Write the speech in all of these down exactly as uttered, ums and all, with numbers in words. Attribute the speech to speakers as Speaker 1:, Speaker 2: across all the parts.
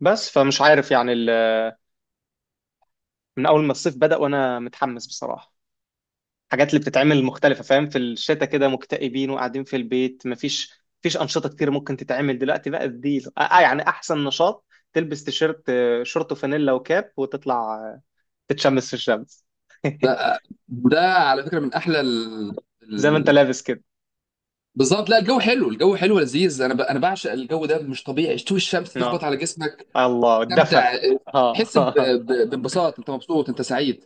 Speaker 1: بس فمش عارف يعني ال- من اول ما الصيف بدأ وانا متحمس بصراحة. الحاجات اللي بتتعمل مختلفة، فاهم؟ في الشتاء كده مكتئبين وقاعدين في البيت، مفيش مفيش أنشطة كتير ممكن تتعمل. دلوقتي بقى دي آه آه، يعني احسن نشاط. تلبس تيشيرت، آه، شورت وفانيلا وكاب وتطلع آه، تتشمس في الشمس.
Speaker 2: ده، وده على فكره من احلى ال...
Speaker 1: زي ما انت
Speaker 2: ال...
Speaker 1: لابس كده.
Speaker 2: بالظبط. لا، الجو حلو، الجو حلو لذيذ، انا ب... انا بعشق الجو ده، مش طبيعي شتوي، الشمس تخبط
Speaker 1: اه،
Speaker 2: على جسمك،
Speaker 1: الله، الدفى.
Speaker 2: تستمتع،
Speaker 1: اه.
Speaker 2: تحس ب... ب... بانبساط، انت مبسوط، انت سعيد.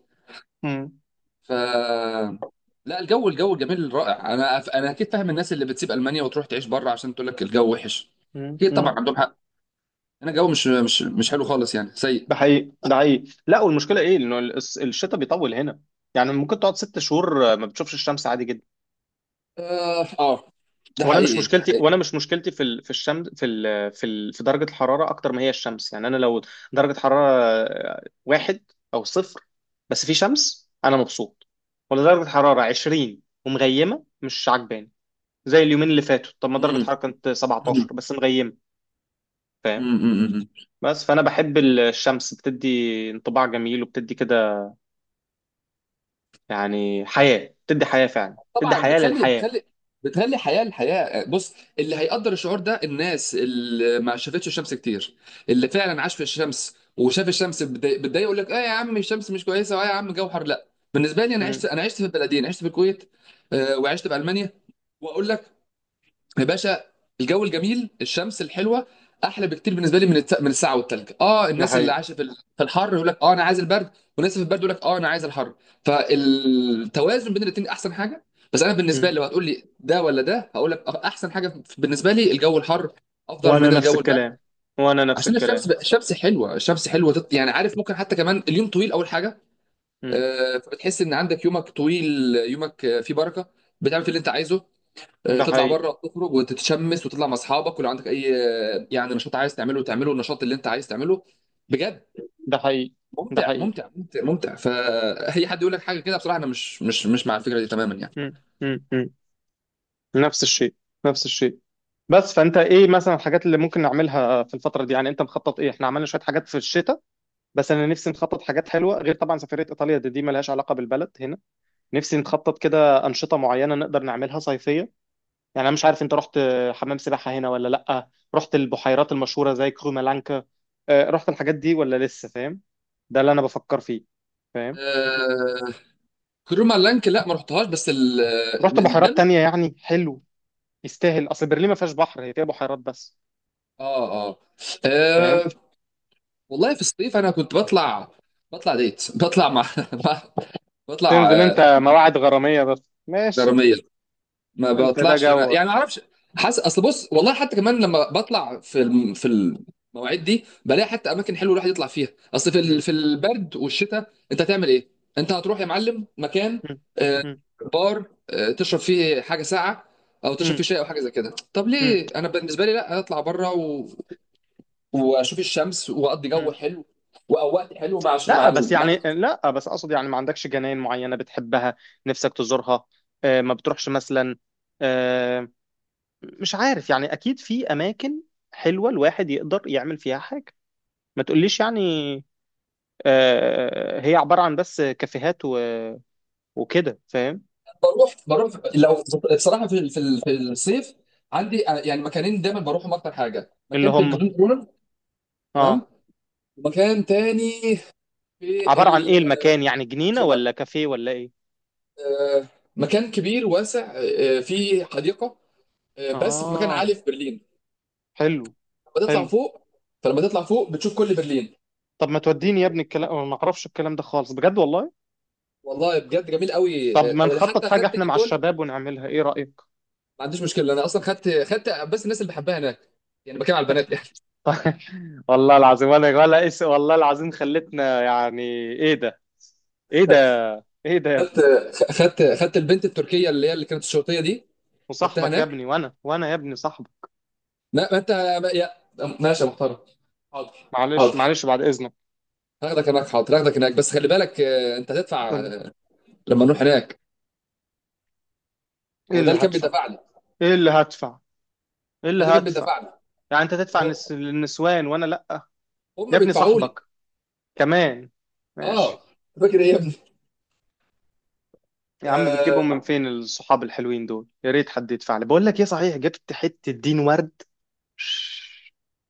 Speaker 1: مم.
Speaker 2: ف لا، الجو، الجو الجميل رائع، انا انا اكيد فاهم الناس اللي بتسيب المانيا وتروح تعيش بره عشان تقول لك الجو وحش.
Speaker 1: مم.
Speaker 2: اكيد طبعا
Speaker 1: مم.
Speaker 2: عندهم حق، هنا الجو مش مش مش حلو خالص، يعني سيء.
Speaker 1: ده حقيقي، ده حقيقي. لا، والمشكله ايه؟ انه الس- الشتاء بيطول هنا. يعني ممكن تقعد ست شهور آه، ما بتشوفش الشمس، عادي جدا.
Speaker 2: اه آه. ده
Speaker 1: وانا مش
Speaker 2: حقيقي، ده
Speaker 1: مشكلتي
Speaker 2: حقيقي.
Speaker 1: وانا مش مشكلتي في ال... في الشمس، في ال... في ال... في درجه الحراره اكتر ما هي الشمس. يعني انا لو درجه حراره واحد او صفر، بس في شمس، انا مبسوط. ولا درجه حراره عشرين ومغيمه، مش عجباني. زي اليومين اللي فاتوا، طب ما درجه حراره كانت سبعة عشر بس مغيمه، فاهم؟
Speaker 2: امم
Speaker 1: بس فانا بحب الشمس، بتدي انطباع جميل، وبتدي كده يعني حياه. بتدي حياه، فعلا بتدي
Speaker 2: طبعا،
Speaker 1: حياه
Speaker 2: بتخلي
Speaker 1: للحياه.
Speaker 2: بتخلي بتخلي حياه الحياه. بص، اللي هيقدر الشعور ده الناس اللي ما شافتش الشمس كتير، اللي فعلا عاش في الشمس وشاف الشمس بتضايق، بتضايق يقول لك اه يا عم الشمس مش كويسه، واه يا عم جوهر. لا، بالنسبه لي انا عشت
Speaker 1: مم.
Speaker 2: انا عشت في البلدين، عشت في الكويت، آه، وعشت في المانيا، واقول لك يا باشا، الجو الجميل، الشمس الحلوه احلى بكتير بالنسبه لي من الت... من الساعه والتلج. اه،
Speaker 1: ده
Speaker 2: الناس اللي
Speaker 1: حقيقي.
Speaker 2: عايشه في ال- في الحر يقول لك اه انا عايز البرد، والناس اللي في البرد يقول لك اه انا عايز الحر، فالتوازن بين الاثنين احسن حاجه. بس انا بالنسبه
Speaker 1: مم.
Speaker 2: لي لو هتقول لي ده ولا ده، هقول لك آه، احسن حاجه في- بالنسبه لي الجو الحر افضل
Speaker 1: وانا
Speaker 2: من
Speaker 1: نفس
Speaker 2: الجو البرد.
Speaker 1: الكلام، وانا نفس
Speaker 2: عشان
Speaker 1: الكلام.
Speaker 2: الشمس، الشمس حلوه، الشمس حلوه تط- يعني عارف، ممكن حتى كمان اليوم طويل اول حاجه، آه، فبتحس ان عندك يومك طويل، يومك آه، فيه بركه، بتعمل في اللي انت عايزه، آه،
Speaker 1: ده
Speaker 2: تطلع
Speaker 1: حقيقي،
Speaker 2: بره، تخرج وتتشمس وتطلع مع اصحابك، ولو عندك اي آه، يعني نشاط عايز تعمله تعمله، النشاط اللي انت عايز تعمله بجد،
Speaker 1: ده حقيقي، ده
Speaker 2: ممتع
Speaker 1: حقيقي.
Speaker 2: ممتع ممتع ممتع. فاي حد يقول لك حاجه كده بصراحه انا مش مش مش مع الفكره دي تماما يعني.
Speaker 1: مم. مم. مم. نفس الشيء، نفس الشيء. بس فانت ايه مثلا الحاجات اللي ممكن نعملها في الفتره دي؟ يعني انت مخطط ايه؟ احنا عملنا شويه حاجات في الشتاء، بس انا نفسي نخطط حاجات حلوه، غير طبعا سفريه ايطاليا دي، دي ملهاش علاقه بالبلد هنا. نفسي نخطط كده انشطه معينه نقدر نعملها صيفيه. يعني انا مش عارف، انت رحت حمام سباحه هنا ولا لا؟ رحت البحيرات المشهوره زي كرومالانكا؟ آه، رحت الحاجات دي ولا لسه، فاهم؟ ده اللي انا بفكر فيه، فاهم؟
Speaker 2: آه كروما لانك، لا، ما رحتهاش، بس ال
Speaker 1: رحت
Speaker 2: ده
Speaker 1: بحيرات
Speaker 2: مش-
Speaker 1: تانية، يعني حلو، يستاهل. اصل برلين ما فيهاش بحر، هي فيها بحيرات بس،
Speaker 2: اه اه
Speaker 1: فاهم.
Speaker 2: آه، والله في الصيف انا كنت بطلع، بطلع ديت بطلع مع مع- بطلع
Speaker 1: تنزل انت
Speaker 2: آه،
Speaker 1: مواعد غراميه؟ بس ماشي،
Speaker 2: غراميه. ما
Speaker 1: انت ده
Speaker 2: بطلعش انا، يعني
Speaker 1: جوك.
Speaker 2: ما اعرفش. حاسس، اصل بص والله، حتى كمان لما بطلع في الم... في المواعيد دي بلاقي حتى اماكن حلوه الواحد يطلع فيها. اصل في ال...
Speaker 1: مم.
Speaker 2: في البرد والشتاء انت هتعمل ايه؟ انت هتروح يا معلم مكان،
Speaker 1: مم.
Speaker 2: آه،
Speaker 1: مم.
Speaker 2: بار، آه، تشرب فيه حاجه ساقعه او تشرب
Speaker 1: مم.
Speaker 2: فيه شاي او حاجه زي كده. طب
Speaker 1: مم.
Speaker 2: ليه؟ انا بالنسبه لي لا، اطلع بره و... واشوف الشمس واقضي جو
Speaker 1: مم.
Speaker 2: حلو واوقات حلو مع،
Speaker 1: لا
Speaker 2: مع
Speaker 1: بس يعني، لا بس اقصد يعني، ما عندكش جناين معينه بتحبها نفسك تزورها؟ آه، ما بتروحش مثلا؟ آه، مش عارف يعني، اكيد في اماكن حلوه الواحد يقدر يعمل فيها حاجه. ما تقوليش يعني آه، هي عباره عن بس كافيهات و- وكده، فاهم.
Speaker 2: بروح بروح لو. بصراحه في في في الصيف عندي آه، يعني مكانين دايما بروحهم اكتر حاجه،
Speaker 1: اللي
Speaker 2: مكان في
Speaker 1: هم؟
Speaker 2: الجزيره كورنر، تمام،
Speaker 1: اه،
Speaker 2: ومكان تاني في
Speaker 1: عبارة عن
Speaker 2: ال
Speaker 1: ايه المكان؟ يعني جنينة ولا كافيه ولا ايه؟
Speaker 2: آه، مكان كبير واسع، آه، فيه حديقه، آه، بس في مكان
Speaker 1: اه،
Speaker 2: عالي في برلين،
Speaker 1: حلو،
Speaker 2: لما تطلع
Speaker 1: حلو.
Speaker 2: فوق، فلما تطلع فوق بتشوف كل برلين
Speaker 1: طب ما
Speaker 2: من
Speaker 1: توديني يا ابني؟
Speaker 2: فوق.
Speaker 1: الكلام أنا ما اعرفش الكلام ده خالص، بجد والله.
Speaker 2: والله بجد جميل قوي،
Speaker 1: طب
Speaker 2: آه،
Speaker 1: ما
Speaker 2: أنا
Speaker 1: نخطط
Speaker 2: حتى
Speaker 1: حاجة
Speaker 2: خدت
Speaker 1: احنا مع
Speaker 2: نيكول.
Speaker 1: الشباب ونعملها، ايه رأيك؟
Speaker 2: ما عنديش مشكله، انا اصلا خدت خدت بس الناس اللي بحبها هناك، يعني بتكلم على البنات يعني.
Speaker 1: والله العظيم، ولا ولا اس والله العظيم خلتنا، يعني ايه ده؟ ايه ده؟ ايه ده يا
Speaker 2: خدت
Speaker 1: ابني؟
Speaker 2: خدت خدت البنت التركيه اللي هي اللي كانت الشرطيه دي، خدتها
Speaker 1: وصاحبك يا
Speaker 2: هناك.
Speaker 1: ابني، وانا، وانا يا ابني صاحبك.
Speaker 2: لا ما انت، ما يا، ماشي يا محترم، حاضر.
Speaker 1: معلش
Speaker 2: حاضر
Speaker 1: معلش، بعد اذنك.
Speaker 2: هاخدك هناك، حاضر هاخدك هناك، بس خلي بالك آه، انت
Speaker 1: قول
Speaker 2: هتدفع،
Speaker 1: لي،
Speaker 2: آه، لما نروح هناك.
Speaker 1: ايه
Speaker 2: هو ده
Speaker 1: اللي
Speaker 2: اللي كان
Speaker 1: هدفع؟
Speaker 2: بيدفع لي،
Speaker 1: ايه اللي هدفع؟ ايه
Speaker 2: ده
Speaker 1: اللي
Speaker 2: اللي كان
Speaker 1: هدفع؟
Speaker 2: بيدفع لي،
Speaker 1: يعني انت تدفع للنس-
Speaker 2: هو
Speaker 1: للنسوان وانا لا؟ يا
Speaker 2: هم
Speaker 1: ابني
Speaker 2: بيدفعوا لي.
Speaker 1: صاحبك كمان،
Speaker 2: اه،
Speaker 1: ماشي.
Speaker 2: فاكر ايه يا ابني؟
Speaker 1: يا عم
Speaker 2: آه،
Speaker 1: بتجيبهم من فين الصحاب الحلوين دول؟ يا ريت حد يدفع لي. بقول لك ايه، صحيح جبت حتة دين ورد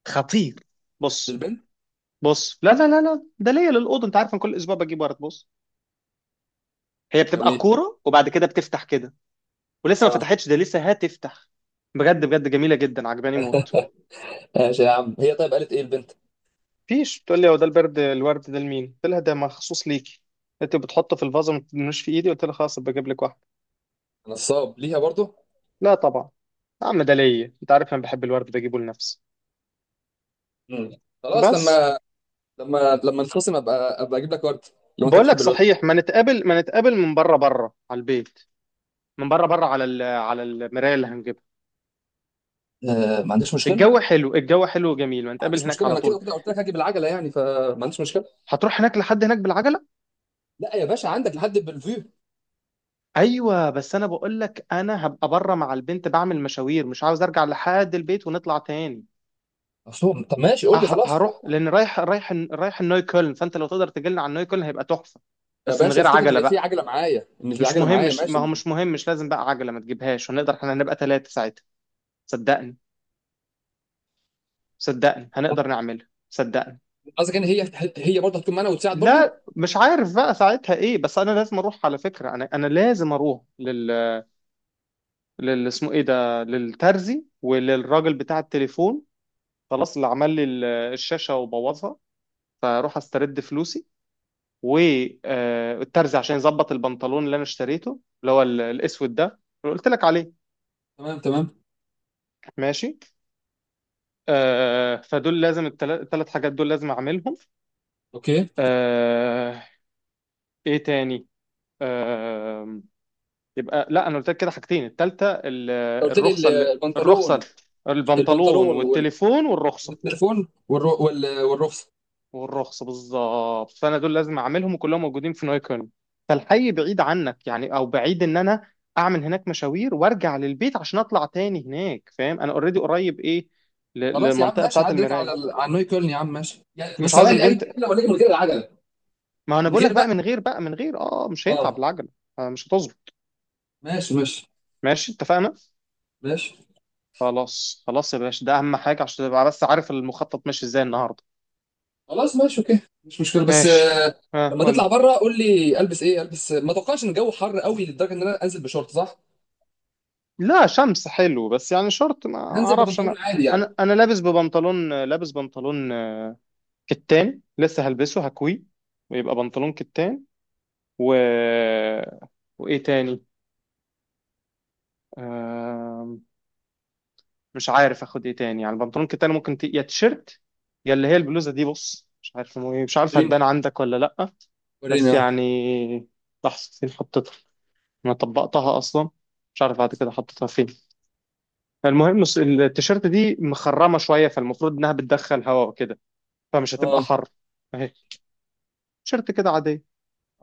Speaker 1: خطير. بص،
Speaker 2: البنت.
Speaker 1: بص. لا لا لا لا، ده ليا للأوضة. انت عارف انا كل اسبوع بجيب ورد. بص، هي بتبقى
Speaker 2: جميل.
Speaker 1: كورة وبعد كده بتفتح كده، ولسه ما
Speaker 2: اه
Speaker 1: فتحتش ده، لسه هتفتح. بجد بجد جميلة جدا، عجباني موت.
Speaker 2: ماشي يا عم، هي طيب قالت ايه البنت؟
Speaker 1: فيش بتقول لي هو ده البرد؟ الورد ده لمين؟ قلت لها ده مخصوص ليكي. انت بتحطه في الفازة، ما تدنوش في ايدي. قلت لها خلاص بجيب لك واحد.
Speaker 2: نصاب ليها برضه.
Speaker 1: لا طبعا، يا عم ده ليا، انت عارف انا بحب الورد، بجيبه لنفسي.
Speaker 2: مم. خلاص
Speaker 1: بس
Speaker 2: لما لما لما نخصم ابقى ابقى اجيب لك ورد لو انت
Speaker 1: بقول لك
Speaker 2: بتحب الورد.
Speaker 1: صحيح، ما نتقابل، ما نتقابل من بره بره على البيت، من بره بره على ال- على المرايه اللي هنجيبها.
Speaker 2: آه، ما عنديش
Speaker 1: الجو
Speaker 2: مشكله،
Speaker 1: حلو، الجو حلو وجميل، ما نتقابل
Speaker 2: عنديش
Speaker 1: هناك
Speaker 2: مشكله،
Speaker 1: على
Speaker 2: انا كده
Speaker 1: طول.
Speaker 2: وكده قلت لك هاجي بالعجله يعني، فما عنديش مشكله.
Speaker 1: هتروح هناك لحد هناك بالعجله؟
Speaker 2: لا يا باشا، عندك لحد بالفيو.
Speaker 1: ايوه، بس انا بقول لك انا هبقى بره مع البنت بعمل مشاوير، مش عاوز ارجع لحد البيت ونطلع تاني.
Speaker 2: أصلاً، طب ماشي قول لي
Speaker 1: أه-
Speaker 2: خلاص. لا
Speaker 1: هروح لان رايح، رايح رايح النوي كولن، فانت لو تقدر تجيلنا على النوي كولن هيبقى تحفه،
Speaker 2: يا
Speaker 1: بس من
Speaker 2: باشا،
Speaker 1: غير
Speaker 2: افتكر
Speaker 1: عجله
Speaker 2: ان في
Speaker 1: بقى.
Speaker 2: عجله معايا، ان
Speaker 1: مش
Speaker 2: العجله
Speaker 1: مهم،
Speaker 2: معايا،
Speaker 1: مش، ما
Speaker 2: ماشي
Speaker 1: هو
Speaker 2: ما احنا.
Speaker 1: مش مهم، مش لازم بقى عجله، ما تجيبهاش. هنقدر احنا، هنبقى ثلاثه ساعتها، صدقني. صدقني هنقدر نعملها، صدقني.
Speaker 2: قصدك ان هي، هي برضه هتكون معانا وتساعد برضه؟
Speaker 1: لا مش عارف بقى ساعتها ايه، بس انا لازم اروح على فكره، انا انا لازم اروح لل، لل، اسمه ايه ده، للترزي وللراجل بتاع التليفون، خلاص، اللي عمل لي ال- الشاشه وبوظها، فاروح استرد فلوسي. والترزي عشان يظبط البنطلون اللي انا اشتريته اللي هو ال- الاسود ده اللي قلت لك عليه.
Speaker 2: تمام تمام،
Speaker 1: ماشي. آه، فدول لازم، الثلاث حاجات دول لازم اعملهم.
Speaker 2: اوكي انت.
Speaker 1: آه، ايه تاني؟ آه، يبقى لا، انا قلت لك كده حاجتين، التالتة ال-
Speaker 2: قلت لي ال-
Speaker 1: الرخصة، اللي الرخصة.
Speaker 2: البنطلون،
Speaker 1: البنطلون
Speaker 2: البنطلون وال-
Speaker 1: والتليفون والرخصة.
Speaker 2: والتليفون والر- وال- والرخصه.
Speaker 1: والرخصة بالظبط. فانا دول لازم اعملهم، وكلهم موجودين في نايكون. فالحي بعيد عنك يعني، او بعيد ان انا اعمل هناك مشاوير وارجع للبيت عشان اطلع تاني هناك، فاهم؟ انا اوريدي قريب ايه، ل-
Speaker 2: خلاص يا عم
Speaker 1: للمنطقة
Speaker 2: ماشي،
Speaker 1: بتاعة
Speaker 2: عدى لك على
Speaker 1: المراية.
Speaker 2: ال- على نوي كولن يا عم، ماشي يعني.
Speaker 1: مش
Speaker 2: بس
Speaker 1: عاوز
Speaker 2: ثواني، اجي
Speaker 1: البنت،
Speaker 2: بالعجله ولا اجي من غير العجله؟
Speaker 1: ما انا
Speaker 2: من
Speaker 1: بقول لك
Speaker 2: غير
Speaker 1: بقى،
Speaker 2: بقى،
Speaker 1: من غير، بقى من غير، اه مش هينفع
Speaker 2: اه.
Speaker 1: بالعجلة. آه، مش هتظبط.
Speaker 2: ماشي ماشي
Speaker 1: ماشي، اتفقنا.
Speaker 2: ماشي.
Speaker 1: خلاص خلاص يا باشا، ده اهم حاجة عشان تبقى بس عارف المخطط ماشي ازاي النهاردة.
Speaker 2: خلاص ماشي، اوكي مش مشكله. بس
Speaker 1: ماشي، ها
Speaker 2: لما تطلع
Speaker 1: قول.
Speaker 2: بره قول لي البس ايه، البس ما اتوقعش ان الجو حر قوي لدرجه ان انا انزل بشورت، صح؟
Speaker 1: لا شمس حلو، بس يعني شورت ما
Speaker 2: هنزل
Speaker 1: اعرفش
Speaker 2: ببنطلون
Speaker 1: انا.
Speaker 2: عادي يعني.
Speaker 1: انا انا لابس ببنطلون، لابس بنطلون آه، كتان، لسه هلبسه، هكوي، ويبقى بنطلون كتان. و، وايه تاني؟ آم، مش عارف اخد ايه تاني. يعني البنطلون كتان، ممكن ت... يا تيشيرت، يا اللي هي البلوزه دي. بص مش عارف، مو- إيه، مش عارف
Speaker 2: وريني،
Speaker 1: هتبان عندك ولا لا.
Speaker 2: وريني،
Speaker 1: بس
Speaker 2: اه
Speaker 1: يعني، لحظه، فين حطيتها؟ انا طبقتها اصلا، مش عارف بعد كده حطيتها فين. فالمهم الص- التيشيرت دي مخرمه شويه، فالمفروض انها بتدخل هواء وكده، فمش هتبقى
Speaker 2: اه.
Speaker 1: حر. اهي، تيشيرت كده عاديه،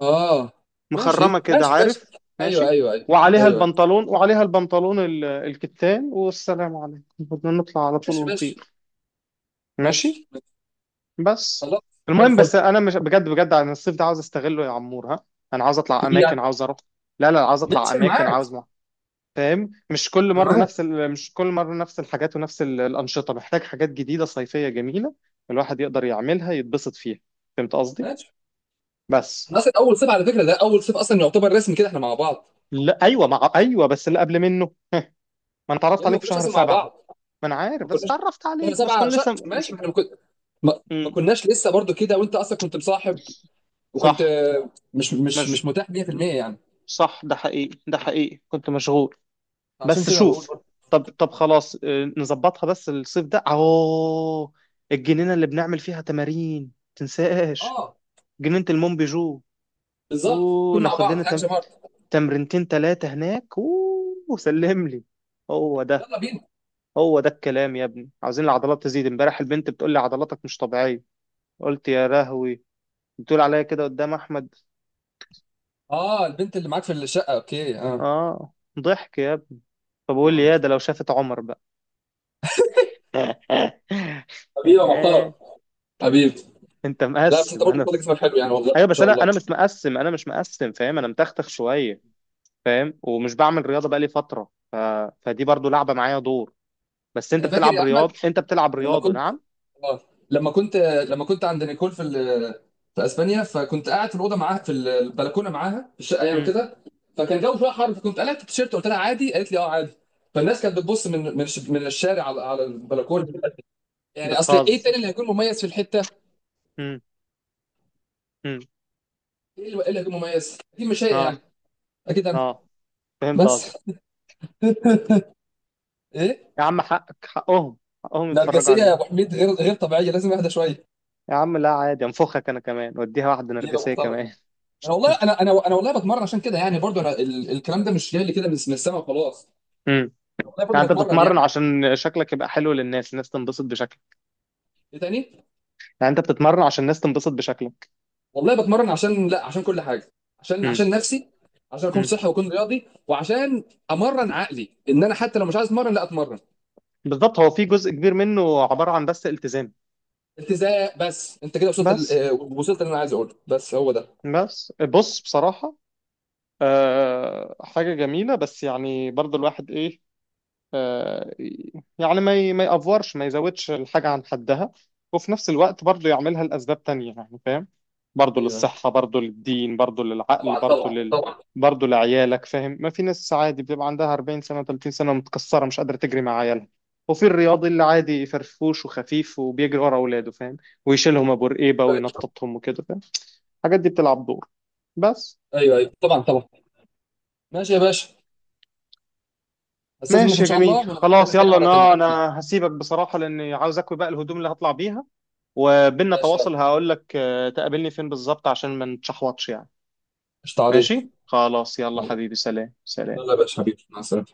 Speaker 2: آه.
Speaker 1: مخرمه
Speaker 2: ماشي
Speaker 1: كده،
Speaker 2: ماشي ماشي،
Speaker 1: عارف،
Speaker 2: ايوه
Speaker 1: ماشي.
Speaker 2: ايوه ايوه
Speaker 1: وعليها
Speaker 2: ايوه،
Speaker 1: البنطلون وعليها البنطلون ال- الكتان، والسلام عليكم، بدنا نطلع على طول
Speaker 2: ماشي ماشي
Speaker 1: ونطير. ماشي.
Speaker 2: ماشي ماشي.
Speaker 1: بس
Speaker 2: خلاص، زي
Speaker 1: المهم،
Speaker 2: الفل.
Speaker 1: بس انا مش، بجد بجد انا الصيف ده عاوز استغله يا عمور، ها. انا عاوز اطلع
Speaker 2: دي
Speaker 1: اماكن،
Speaker 2: يعني
Speaker 1: عاوز اروح. لا لا، عاوز اطلع
Speaker 2: ماشي، انا
Speaker 1: اماكن،
Speaker 2: معاك،
Speaker 1: عاوز، فاهم؟ مش كل
Speaker 2: انا
Speaker 1: مره نفس
Speaker 2: معاك
Speaker 1: ال... مش كل مره نفس الحاجات ونفس ال- الانشطه، محتاج حاجات جديده صيفيه جميله الواحد يقدر يعملها يتبسط فيها. فهمت قصدي؟
Speaker 2: ماشي.
Speaker 1: بس.
Speaker 2: احنا اصلا اول صيف على فكره، ده اول صيف اصلا يعتبر رسمي كده احنا مع بعض.
Speaker 1: لا ايوه، مع، ايوه بس اللي قبل منه ما، انا
Speaker 2: يا
Speaker 1: اتعرفت
Speaker 2: ابني، ما
Speaker 1: عليك في
Speaker 2: كناش
Speaker 1: شهر
Speaker 2: اصلا مع
Speaker 1: سبعة.
Speaker 2: بعض،
Speaker 1: ما انا عارف،
Speaker 2: ما
Speaker 1: بس
Speaker 2: كناش.
Speaker 1: اتعرفت
Speaker 2: شهر
Speaker 1: عليك بس كنت
Speaker 2: سبعه شهر،
Speaker 1: لسه
Speaker 2: ماشي، ما
Speaker 1: مش.
Speaker 2: احنا ما كن- ما- ما
Speaker 1: مم.
Speaker 2: كناش لسه برضو كده، وانت اصلا كنت مصاحب، وكنت
Speaker 1: صح،
Speaker 2: آه، مش مش
Speaker 1: مش.
Speaker 2: مش متاح مية في المية يعني.
Speaker 1: صح، ده حقيقي ده حقيقي، كنت مشغول.
Speaker 2: عشان
Speaker 1: بس
Speaker 2: كده بقول
Speaker 1: شوف،
Speaker 2: برضه.
Speaker 1: طب طب خلاص، آه، نظبطها، بس الصيف ده اهو، الجنينة اللي بنعمل فيها تمارين تنساش،
Speaker 2: اه
Speaker 1: جنينة المونبيجو،
Speaker 2: بالظبط، نكون مع
Speaker 1: وناخد
Speaker 2: بعض،
Speaker 1: لنا تم...
Speaker 2: هاجم هارد،
Speaker 1: تمرينتين تلاتة هناك. أوه، وسلم لي. هو ده،
Speaker 2: يلا بينا.
Speaker 1: هو ده الكلام يا ابني، عاوزين العضلات تزيد. امبارح البنت بتقول لي عضلاتك مش طبيعية، قلت يا رهوي، بتقول عليا كده قدام أحمد.
Speaker 2: اه البنت اللي معاك في الشقه، اوكي اه.
Speaker 1: آه، ضحك يا ابني. فبقول لي
Speaker 2: آه.
Speaker 1: يا ده لو شافت عمر بقى.
Speaker 2: حبيبي يا محترم، حبيبي.
Speaker 1: انت
Speaker 2: لا، بس انت
Speaker 1: مقسم
Speaker 2: برضه
Speaker 1: انا.
Speaker 2: بتقول اسمك حلو، يعني والله
Speaker 1: ايوه
Speaker 2: ان
Speaker 1: بس
Speaker 2: شاء
Speaker 1: انا،
Speaker 2: الله.
Speaker 1: انا مش مقسم انا مش مقسم، فاهم. انا متختخ شويه، فاهم، ومش بعمل رياضه بقالي فتره، ف... فدي برضو لعبه معايا دور. بس انت
Speaker 2: انا فاكر
Speaker 1: بتلعب
Speaker 2: يا احمد
Speaker 1: رياض، انت بتلعب
Speaker 2: لما
Speaker 1: رياضه،
Speaker 2: كنت،
Speaker 1: نعم؟
Speaker 2: اه، لما كنت، آه، لما كنت عند نيكول في ال... في اسبانيا، فكنت قاعد في الاوضه معاها، في البلكونه معاها، في الشقه يعني
Speaker 1: مم.
Speaker 2: كده، فكان الجو شويه حر، فكنت قلعت التيشيرت، قلت لها عادي، قالت لي اه عادي، فالناس كانت بتبص من من الش- من الشارع على، على البلكونه، يعني اصل ايه تاني
Speaker 1: بتهزر.
Speaker 2: اللي هيكون مميز في الحته؟
Speaker 1: مم. مم.
Speaker 2: ايه اللي إيه اللي هيكون مميز؟ اكيد مش هي
Speaker 1: اه،
Speaker 2: يعني، اكيد انا.
Speaker 1: اه. فهمت قصدك.
Speaker 2: بس ايه؟
Speaker 1: يا عم حقك، حقهم، حقهم يتفرجوا
Speaker 2: نرجسيه يا ابو
Speaker 1: عليك.
Speaker 2: حميد، غير غير طبيعيه، لازم اهدى شويه.
Speaker 1: يا عم لا عادي، انفخك انا كمان وديها واحده
Speaker 2: بيبقى
Speaker 1: نرجسيه
Speaker 2: محترم.
Speaker 1: كمان.
Speaker 2: انا والله، انا انا انا والله بتمرن عشان كده يعني، برضو انا ال- الكلام ده مش جاي لي كده من من السما وخلاص،
Speaker 1: مم.
Speaker 2: والله
Speaker 1: يعني
Speaker 2: برضو
Speaker 1: انت
Speaker 2: بتمرن
Speaker 1: بتتمرن
Speaker 2: يعني.
Speaker 1: عشان شكلك يبقى حلو للناس الناس تنبسط بشكلك؟
Speaker 2: ايه تاني؟
Speaker 1: يعني انت بتتمرن عشان الناس تنبسط بشكلك؟
Speaker 2: والله بتمرن عشان، لا، عشان كل حاجه، عشان
Speaker 1: مم.
Speaker 2: عشان نفسي، عشان اكون
Speaker 1: مم.
Speaker 2: صحي واكون رياضي، وعشان امرن عقلي ان انا حتى لو مش عايز اتمرن لا اتمرن.
Speaker 1: بالظبط، هو في جزء كبير منه عباره عن بس التزام.
Speaker 2: التزام. بس انت كده وصلت ال-
Speaker 1: بس
Speaker 2: آه، وصلت اللي انا عايز اقوله، بس هو ده.
Speaker 1: بس بص بصراحه، آه حاجه جميله، بس يعني برضو الواحد ايه، آه، يعني ما ي- ما يأفورش، ما يزودش الحاجة عن حدها، وفي نفس الوقت برضه يعملها لأسباب تانية يعني، فاهم؟ برضه
Speaker 2: ايوه
Speaker 1: للصحة، برضه للدين، برضه للعقل،
Speaker 2: طبعا
Speaker 1: برضه
Speaker 2: طبعا
Speaker 1: لل
Speaker 2: طبعا.
Speaker 1: برضه لعيالك، فاهم؟ ما في ناس عادي بتبقى عندها أربعين سنة، تلاتين سنة، متكسرة مش قادرة تجري مع عيالها، وفي الرياضي اللي عادي فرفوش وخفيف وبيجري ورا أولاده، فاهم؟ ويشيلهم أبو رقيبة وينططهم وكده، فاهم؟ الحاجات دي بتلعب دور. بس
Speaker 2: ايوه ايوه طبعا طبعا. ماشي يا باشا، استاذن منك،
Speaker 1: ماشي
Speaker 2: ان
Speaker 1: يا
Speaker 2: شاء
Speaker 1: جميل،
Speaker 2: الله وانا
Speaker 1: خلاص
Speaker 2: بتكلم تاني
Speaker 1: يلا،
Speaker 2: مره تانية
Speaker 1: انا
Speaker 2: على خير.
Speaker 1: انا هسيبك بصراحة لاني عاوز اكوي بقى الهدوم اللي هطلع بيها، وبيننا
Speaker 2: ماشي يلا،
Speaker 1: تواصل هقول لك آه، تقابلني فين بالظبط عشان ما نتشحوطش يعني.
Speaker 2: قشطة عليك،
Speaker 1: ماشي خلاص يلا
Speaker 2: يلا.
Speaker 1: حبيبي، سلام سلام.
Speaker 2: يلا يا باشا، حبيبي، مع السلامه.